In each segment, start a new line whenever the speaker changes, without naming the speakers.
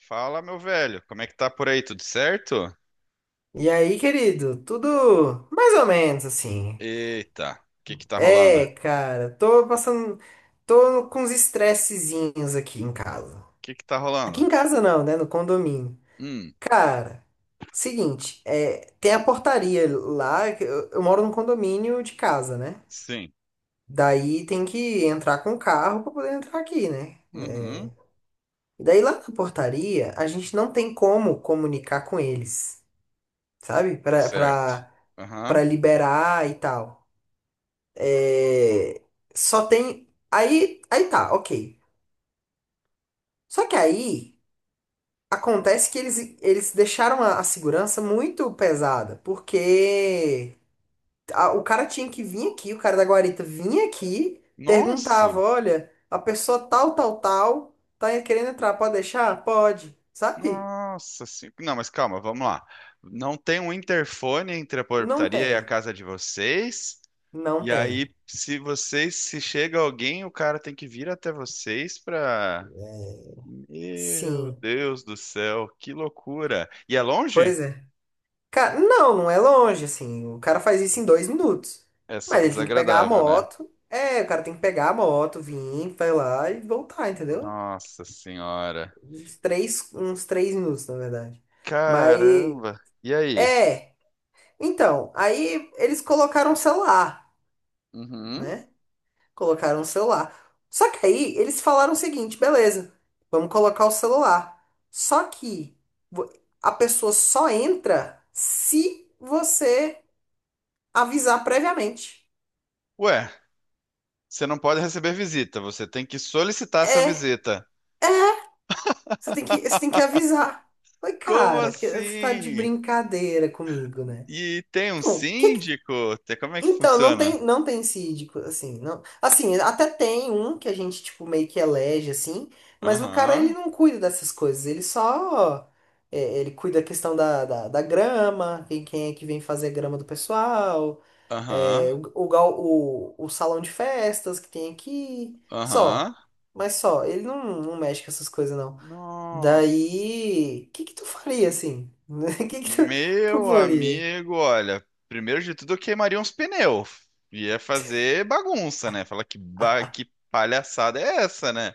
Fala, meu velho, como é que tá por aí? Tudo certo?
E aí, querido, tudo mais ou menos assim.
Eita, o que que tá rolando? O
É, cara, tô passando. Tô com uns estressezinhos aqui em casa.
que que tá
Aqui
rolando?
em casa não, né? No condomínio.
Hum,
Cara, seguinte, tem a portaria lá. Eu moro num condomínio de casa, né?
sim.
Daí tem que entrar com o carro pra poder entrar aqui, né?
Uhum,
É, e daí lá na portaria, a gente não tem como comunicar com eles, sabe?
certo.
Pra
Aham.
liberar e tal. É, só tem. Aí tá, ok. Só que aí acontece que eles deixaram a segurança muito pesada, porque o cara tinha que vir aqui, o cara da guarita vinha aqui, perguntava:
Nossa,
olha, a pessoa tal, tal, tal, tá querendo entrar, pode deixar? Pode, sabe?
nossa, sim. Não, mas calma, vamos lá. Não tem um interfone entre a
Não
portaria e a
tem,
casa de vocês?
não
E aí,
tem.
se vocês, se chega alguém, o cara tem que vir até vocês pra... Meu
Sim,
Deus do céu, que loucura. E é longe?
pois é. Cara, não, não é longe, assim. O cara faz isso em 2 minutos.
É só
Mas ele tem que pegar a
desagradável, né?
moto. É, o cara tem que pegar a moto, vir, vai lá e voltar, entendeu?
Nossa senhora.
Uns 3 minutos, na verdade. Mas,
Caramba. E aí?
é. Então, aí eles colocaram o celular,
Uhum.
né? Colocaram o celular. Só que aí eles falaram o seguinte: beleza, vamos colocar o celular. Só que vo- a pessoa só entra se você avisar previamente.
Ué, você não pode receber visita, você tem que solicitar essa
É,
visita.
você tem que avisar. Oi,
Como
cara, você tá de
assim?
brincadeira comigo, né?
E tem um
Então,
síndico? Tem- Como é que
então
funciona?
não tem síndico, assim, não. Assim, até tem um que a gente tipo meio que elege assim, mas o cara ele
Aham,
não cuida dessas coisas, ele só ele cuida da questão da grama, quem é que vem fazer a grama do pessoal,
aham,
é, o salão de festas que tem aqui,
aham.
só. Mas só, ele não mexe com essas coisas, não.
Nossa.
Daí, o que que tu faria assim? O que que tu
Meu
proporia?
amigo, olha, primeiro de tudo eu queimaria uns pneus. Ia fazer bagunça, né? Falar que, ba- que palhaçada é essa, né?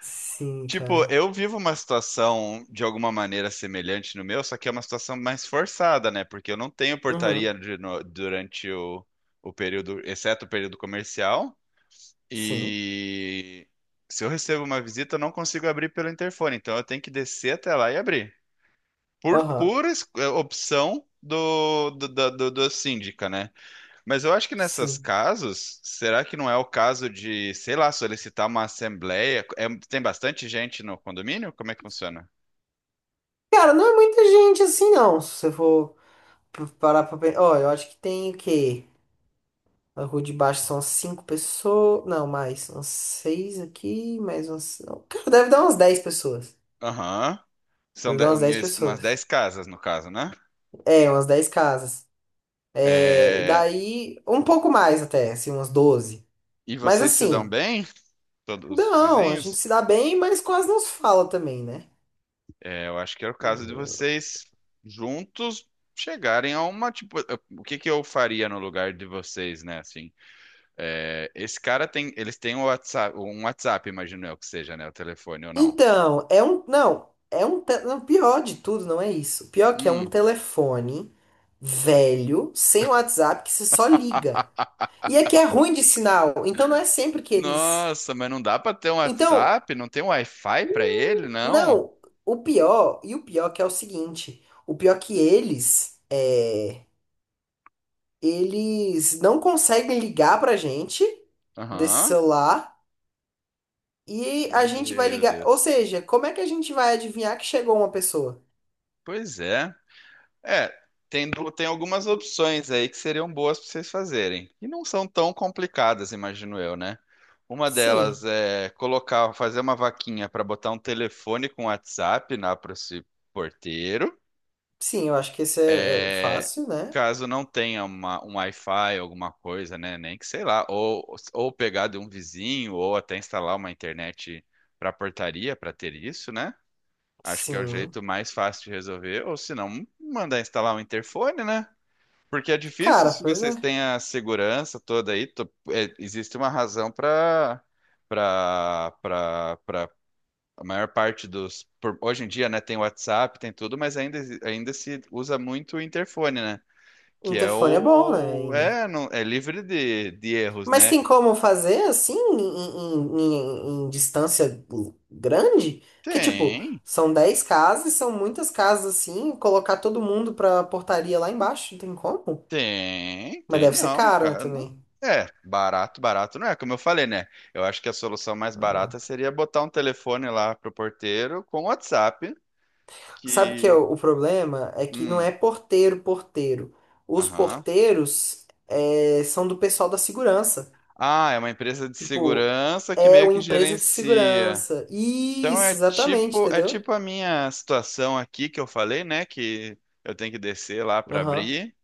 Sim,
Tipo,
cara.
eu vivo uma situação de alguma maneira semelhante no meu, só que é uma situação mais forçada, né? Porque eu não tenho portaria
Uhum.
de no- durante o período, exceto o período comercial.
Sim.
E se eu recebo uma visita, eu não consigo abrir pelo interfone, então eu tenho que descer até lá e abrir. Por
Aham.
pura es- opção do síndica, né? Mas eu acho que nessas
Sim.
casos, será que não é o caso de, sei lá, solicitar uma assembleia? É- tem bastante gente no condomínio? Como é que funciona?
Cara, não é muita gente assim, não. Se você for parar pra pensar. Ó, eu acho que tem o quê? Na rua de baixo são cinco pessoas. Não, mais. Uns seis aqui, mais uns. Cara, deve dar umas 10 pessoas.
Aham. São
Deve dar
de-
umas dez
umas
pessoas.
10 casas, no caso, né?
É, umas 10 casas. É,
É,
daí, um pouco mais até, assim, umas 12.
e
Mas
vocês se dão
assim.
bem? Todos os
Não, a gente se
vizinhos?
dá bem, mas quase não se fala também, né?
É, eu acho que era o caso de vocês juntos chegarem a uma, tipo, eu- o que que eu faria no lugar de vocês, né? Assim, é, esse cara tem, eles têm o WhatsApp, um WhatsApp, imagino eu que seja, né? O telefone ou não.
Então, é um. Não, é um. Não, pior de tudo, não é isso. Pior que é um telefone velho, sem WhatsApp, que você só liga. E é que é ruim de sinal, então não é sempre que eles.
Nossa, mas não dá pra ter um
Então,
WhatsApp? Não tem um Wi-Fi pra ele, não?
não, e o pior que é o seguinte: o pior que eles. É, eles não conseguem ligar pra gente desse
Aham.
celular. E a gente vai
Meu
ligar. Ou
Deus.
seja, como é que a gente vai adivinhar que chegou uma pessoa?
Pois é. É, tem, du- tem algumas opções aí que seriam boas para vocês fazerem. E não são tão complicadas, imagino eu, né? Uma delas
Sim,
é colocar, fazer uma vaquinha para botar um telefone com WhatsApp lá para esse porteiro.
sim, eu acho que esse é
É,
fácil, né?
caso não tenha uma, um Wi-Fi, alguma coisa, né? Nem que sei lá, ou pegar de um vizinho, ou até instalar uma internet para portaria para ter isso, né? Acho que é o
Sim.
jeito mais fácil de resolver, ou se não, mandar instalar um interfone, né? Porque é difícil
Cara,
se
pois
vocês
é.
têm a segurança toda aí, to- é, existe uma razão para para a maior parte dos por- hoje em dia, né, tem WhatsApp, tem tudo, mas ainda exi- ainda se usa muito o interfone, né? Que é
Interfone é bom, né,
o.
ainda.
É, não, é livre de erros,
Mas
né?
tem como fazer assim, em distância grande? Que tipo,
Tem,
são 10 casas, são muitas casas assim, colocar todo mundo pra portaria lá embaixo, não tem como?
tem,
Mas
tem,
deve ser
não,
caro, né,
cara. Não,
também.
é, barato, barato não é, como eu falei, né? Eu acho que a solução mais barata
Ah.
seria botar um telefone lá pro porteiro com WhatsApp,
Sabe que é
que.
o problema? É que não
Hum,
é porteiro, porteiro. Os
aham.
porteiros são do pessoal da segurança.
Ah, é uma empresa de
Tipo,
segurança que
é
meio
uma
que
empresa de
gerencia.
segurança.
Então
Isso, exatamente,
é
entendeu?
tipo a minha situação aqui que eu falei, né? Que eu, tenho que descer lá para
Aham,
abrir.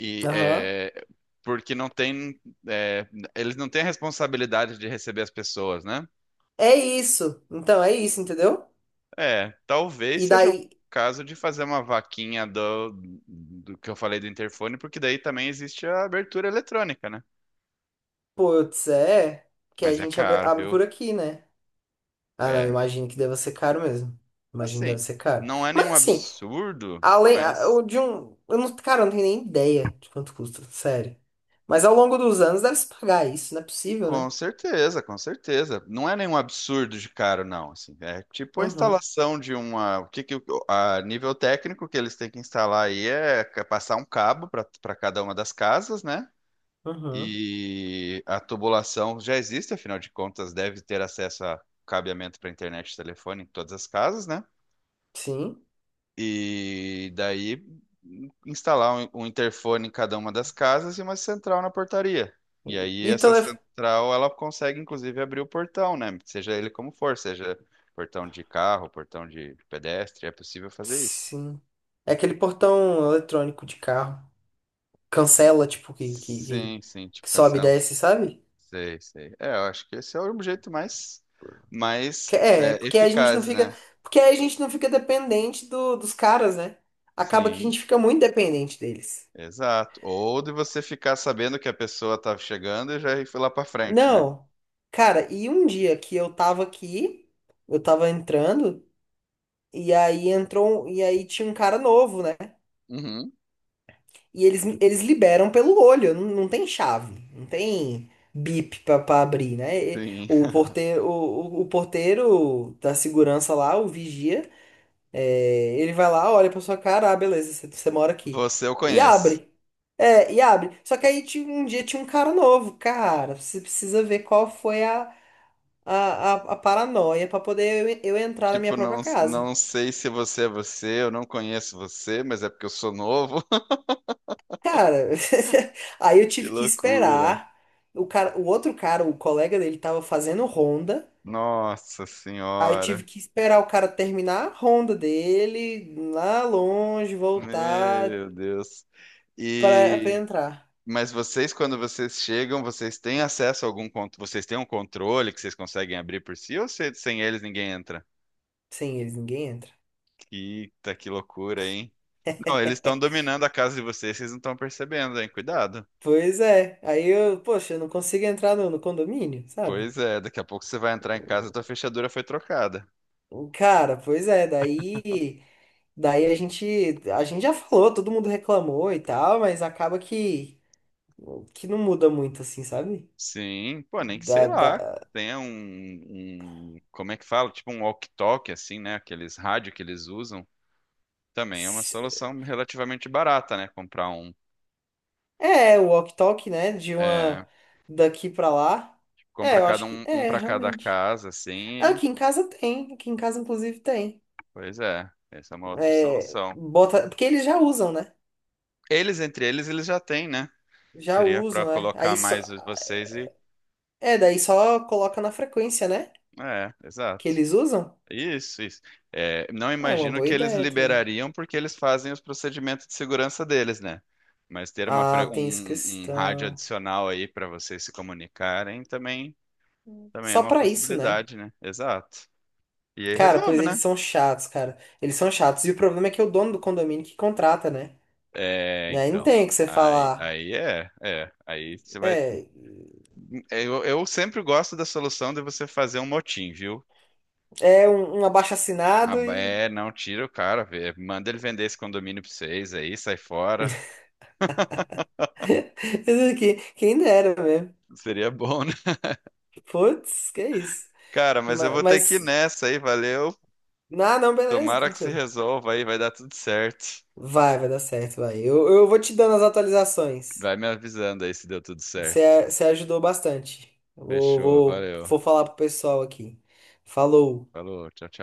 E
aham.
é, porque não tem, é, eles não têm a responsabilidade de receber as pessoas, né?
É isso. Então, é isso, entendeu?
É,
E
talvez seja o
daí,
caso de fazer uma vaquinha do, do que eu falei do interfone, porque daí também existe a abertura eletrônica, né?
putz, é que a
Mas é
gente
caro,
abre
viu?
por aqui, né? Ah, não,
É,
imagino que deva ser caro mesmo. Imagino que deve
assim,
ser caro.
não é
Mas
nenhum
assim,
absurdo,
Além, a-
mas
o de um. Eu não, cara, eu não tenho nem ideia de quanto custa, sério. Mas ao longo dos anos deve se pagar isso, não é possível, né?
com certeza, com certeza. Não é nenhum absurdo de caro, não. Assim, é tipo a
Uhum,
instalação de uma. O que que, o- a nível técnico que eles têm que instalar aí é ca- passar um cabo para cada uma das casas, né?
uhum.
E a tubulação já existe, afinal de contas, deve ter acesso a cabeamento para internet e telefone em todas as casas, né?
Sim.
E daí instalar um interfone em cada uma das casas e uma central na portaria. E aí
E
essa
telefone.
central ela consegue inclusive abrir o portão, né? Seja ele como for, seja portão de carro, portão de pedestre, é possível fazer isso.
Sim. É aquele portão eletrônico de carro.
E-
Cancela, tipo,
sim, sim, tipo
que sobe e
cancela.
desce, sabe?
Sei, sei. É, eu acho que esse é o jeito mais
É,
é,
porque a gente não
eficaz,
fica.
né?
Porque aí a gente não fica dependente dos caras, né? Acaba que a
Sim,
gente fica muito dependente deles.
exato. Ou de você ficar sabendo que a pessoa tá chegando e já ir lá pra frente, né?
Não. Cara, e um dia que eu tava aqui, eu tava entrando. E aí entrou, e aí tinha um cara novo, né?
Uhum.
E eles liberam pelo olho, não, não tem chave, não tem bip pra abrir, né? E
Sim.
o porteiro, o porteiro da segurança lá, o vigia, é, ele vai lá, olha pra sua cara, ah, beleza, você mora aqui.
Você eu
E
conheço.
abre. É, e abre. Só que aí um dia tinha um cara novo, cara, você precisa ver qual foi a paranoia pra poder eu entrar na minha
Tipo,
própria
não,
casa.
não sei se você é você, eu não conheço você, mas é porque eu sou novo.
Cara, aí eu
Que
tive que
loucura.
esperar. O outro cara, o colega dele, tava fazendo ronda.
Nossa
Aí eu tive
Senhora.
que esperar o cara terminar a ronda dele, lá longe, voltar
Meu Deus.
pra
E
entrar.
mas vocês, quando vocês chegam, vocês têm acesso a algum controle? Vocês têm um controle que vocês conseguem abrir por si ou se- sem eles ninguém entra?
Sem eles, ninguém entra.
Eita, que loucura, hein? Não, eles estão dominando a casa de vocês, vocês não estão percebendo, hein? Cuidado.
Pois é. Aí eu, poxa, eu não consigo entrar no condomínio, sabe?
Pois é, daqui a pouco você vai entrar em casa e tua fechadura foi trocada.
Cara, pois é. Daí a gente, já falou, todo mundo reclamou e tal, mas acaba que não muda muito, assim, sabe?
Sim, pô, nem que sei
da
lá.
da,
Tenha um, um- como é que fala? Tipo um walkie-talkie, assim, né? Aqueles rádio que eles usam. Também é uma solução relativamente barata, né? Comprar um.
É, o walk-talk, né? De
É,
uma daqui pra lá.
compra
É, eu
cada
acho que.
um, um
É,
para cada
realmente.
casa,
Ah,
assim. E-
aqui em casa tem. Aqui em casa, inclusive, tem.
Pois é, essa é uma outra
É,
solução.
bota. Porque eles já usam, né?
Eles, entre eles, eles já têm, né?
Já
Seria pra
usam, né?
colocar
Aí só.
mais os- vocês e.
É, daí só coloca na frequência, né?
É,
Que
exato.
eles usam.
Isso, isso. É, não
É uma
imagino
boa
que eles
ideia também.
liberariam porque eles fazem os procedimentos de segurança deles, né? Mas ter uma, fre-
Ah,
um,
tem essa
um rádio
questão.
adicional aí para vocês se comunicarem também, também é
Só
uma
pra isso, né?
possibilidade, né? Exato. E aí
Cara, pois
resolve,
eles
né?
são chatos, cara. Eles são chatos. E o problema é que é o dono do condomínio que contrata, né?
É,
E aí não
então.
tem o que você
Aí,
falar.
aí é, é. Aí você vai.
É.
Eu sempre gosto da solução de você fazer um motim, viu?
É um,
Ah,
abaixo-assinado e
é, não tira o cara, vê, manda ele vender esse condomínio pra vocês aí, sai fora.
quem dera mesmo.
Seria bom,
Putz, que isso.
cara, mas eu vou ter que ir
Mas,
nessa aí, valeu.
ah, não, beleza,
Tomara que se
tranquilo.
resolva aí, vai dar tudo certo.
Vai dar certo, vai. Eu vou te dando as atualizações.
Vai me avisando aí se deu tudo certo.
Você ajudou bastante.
Fechou, valeu.
Vou falar pro pessoal aqui. Falou.
Falou, tchau, tchau.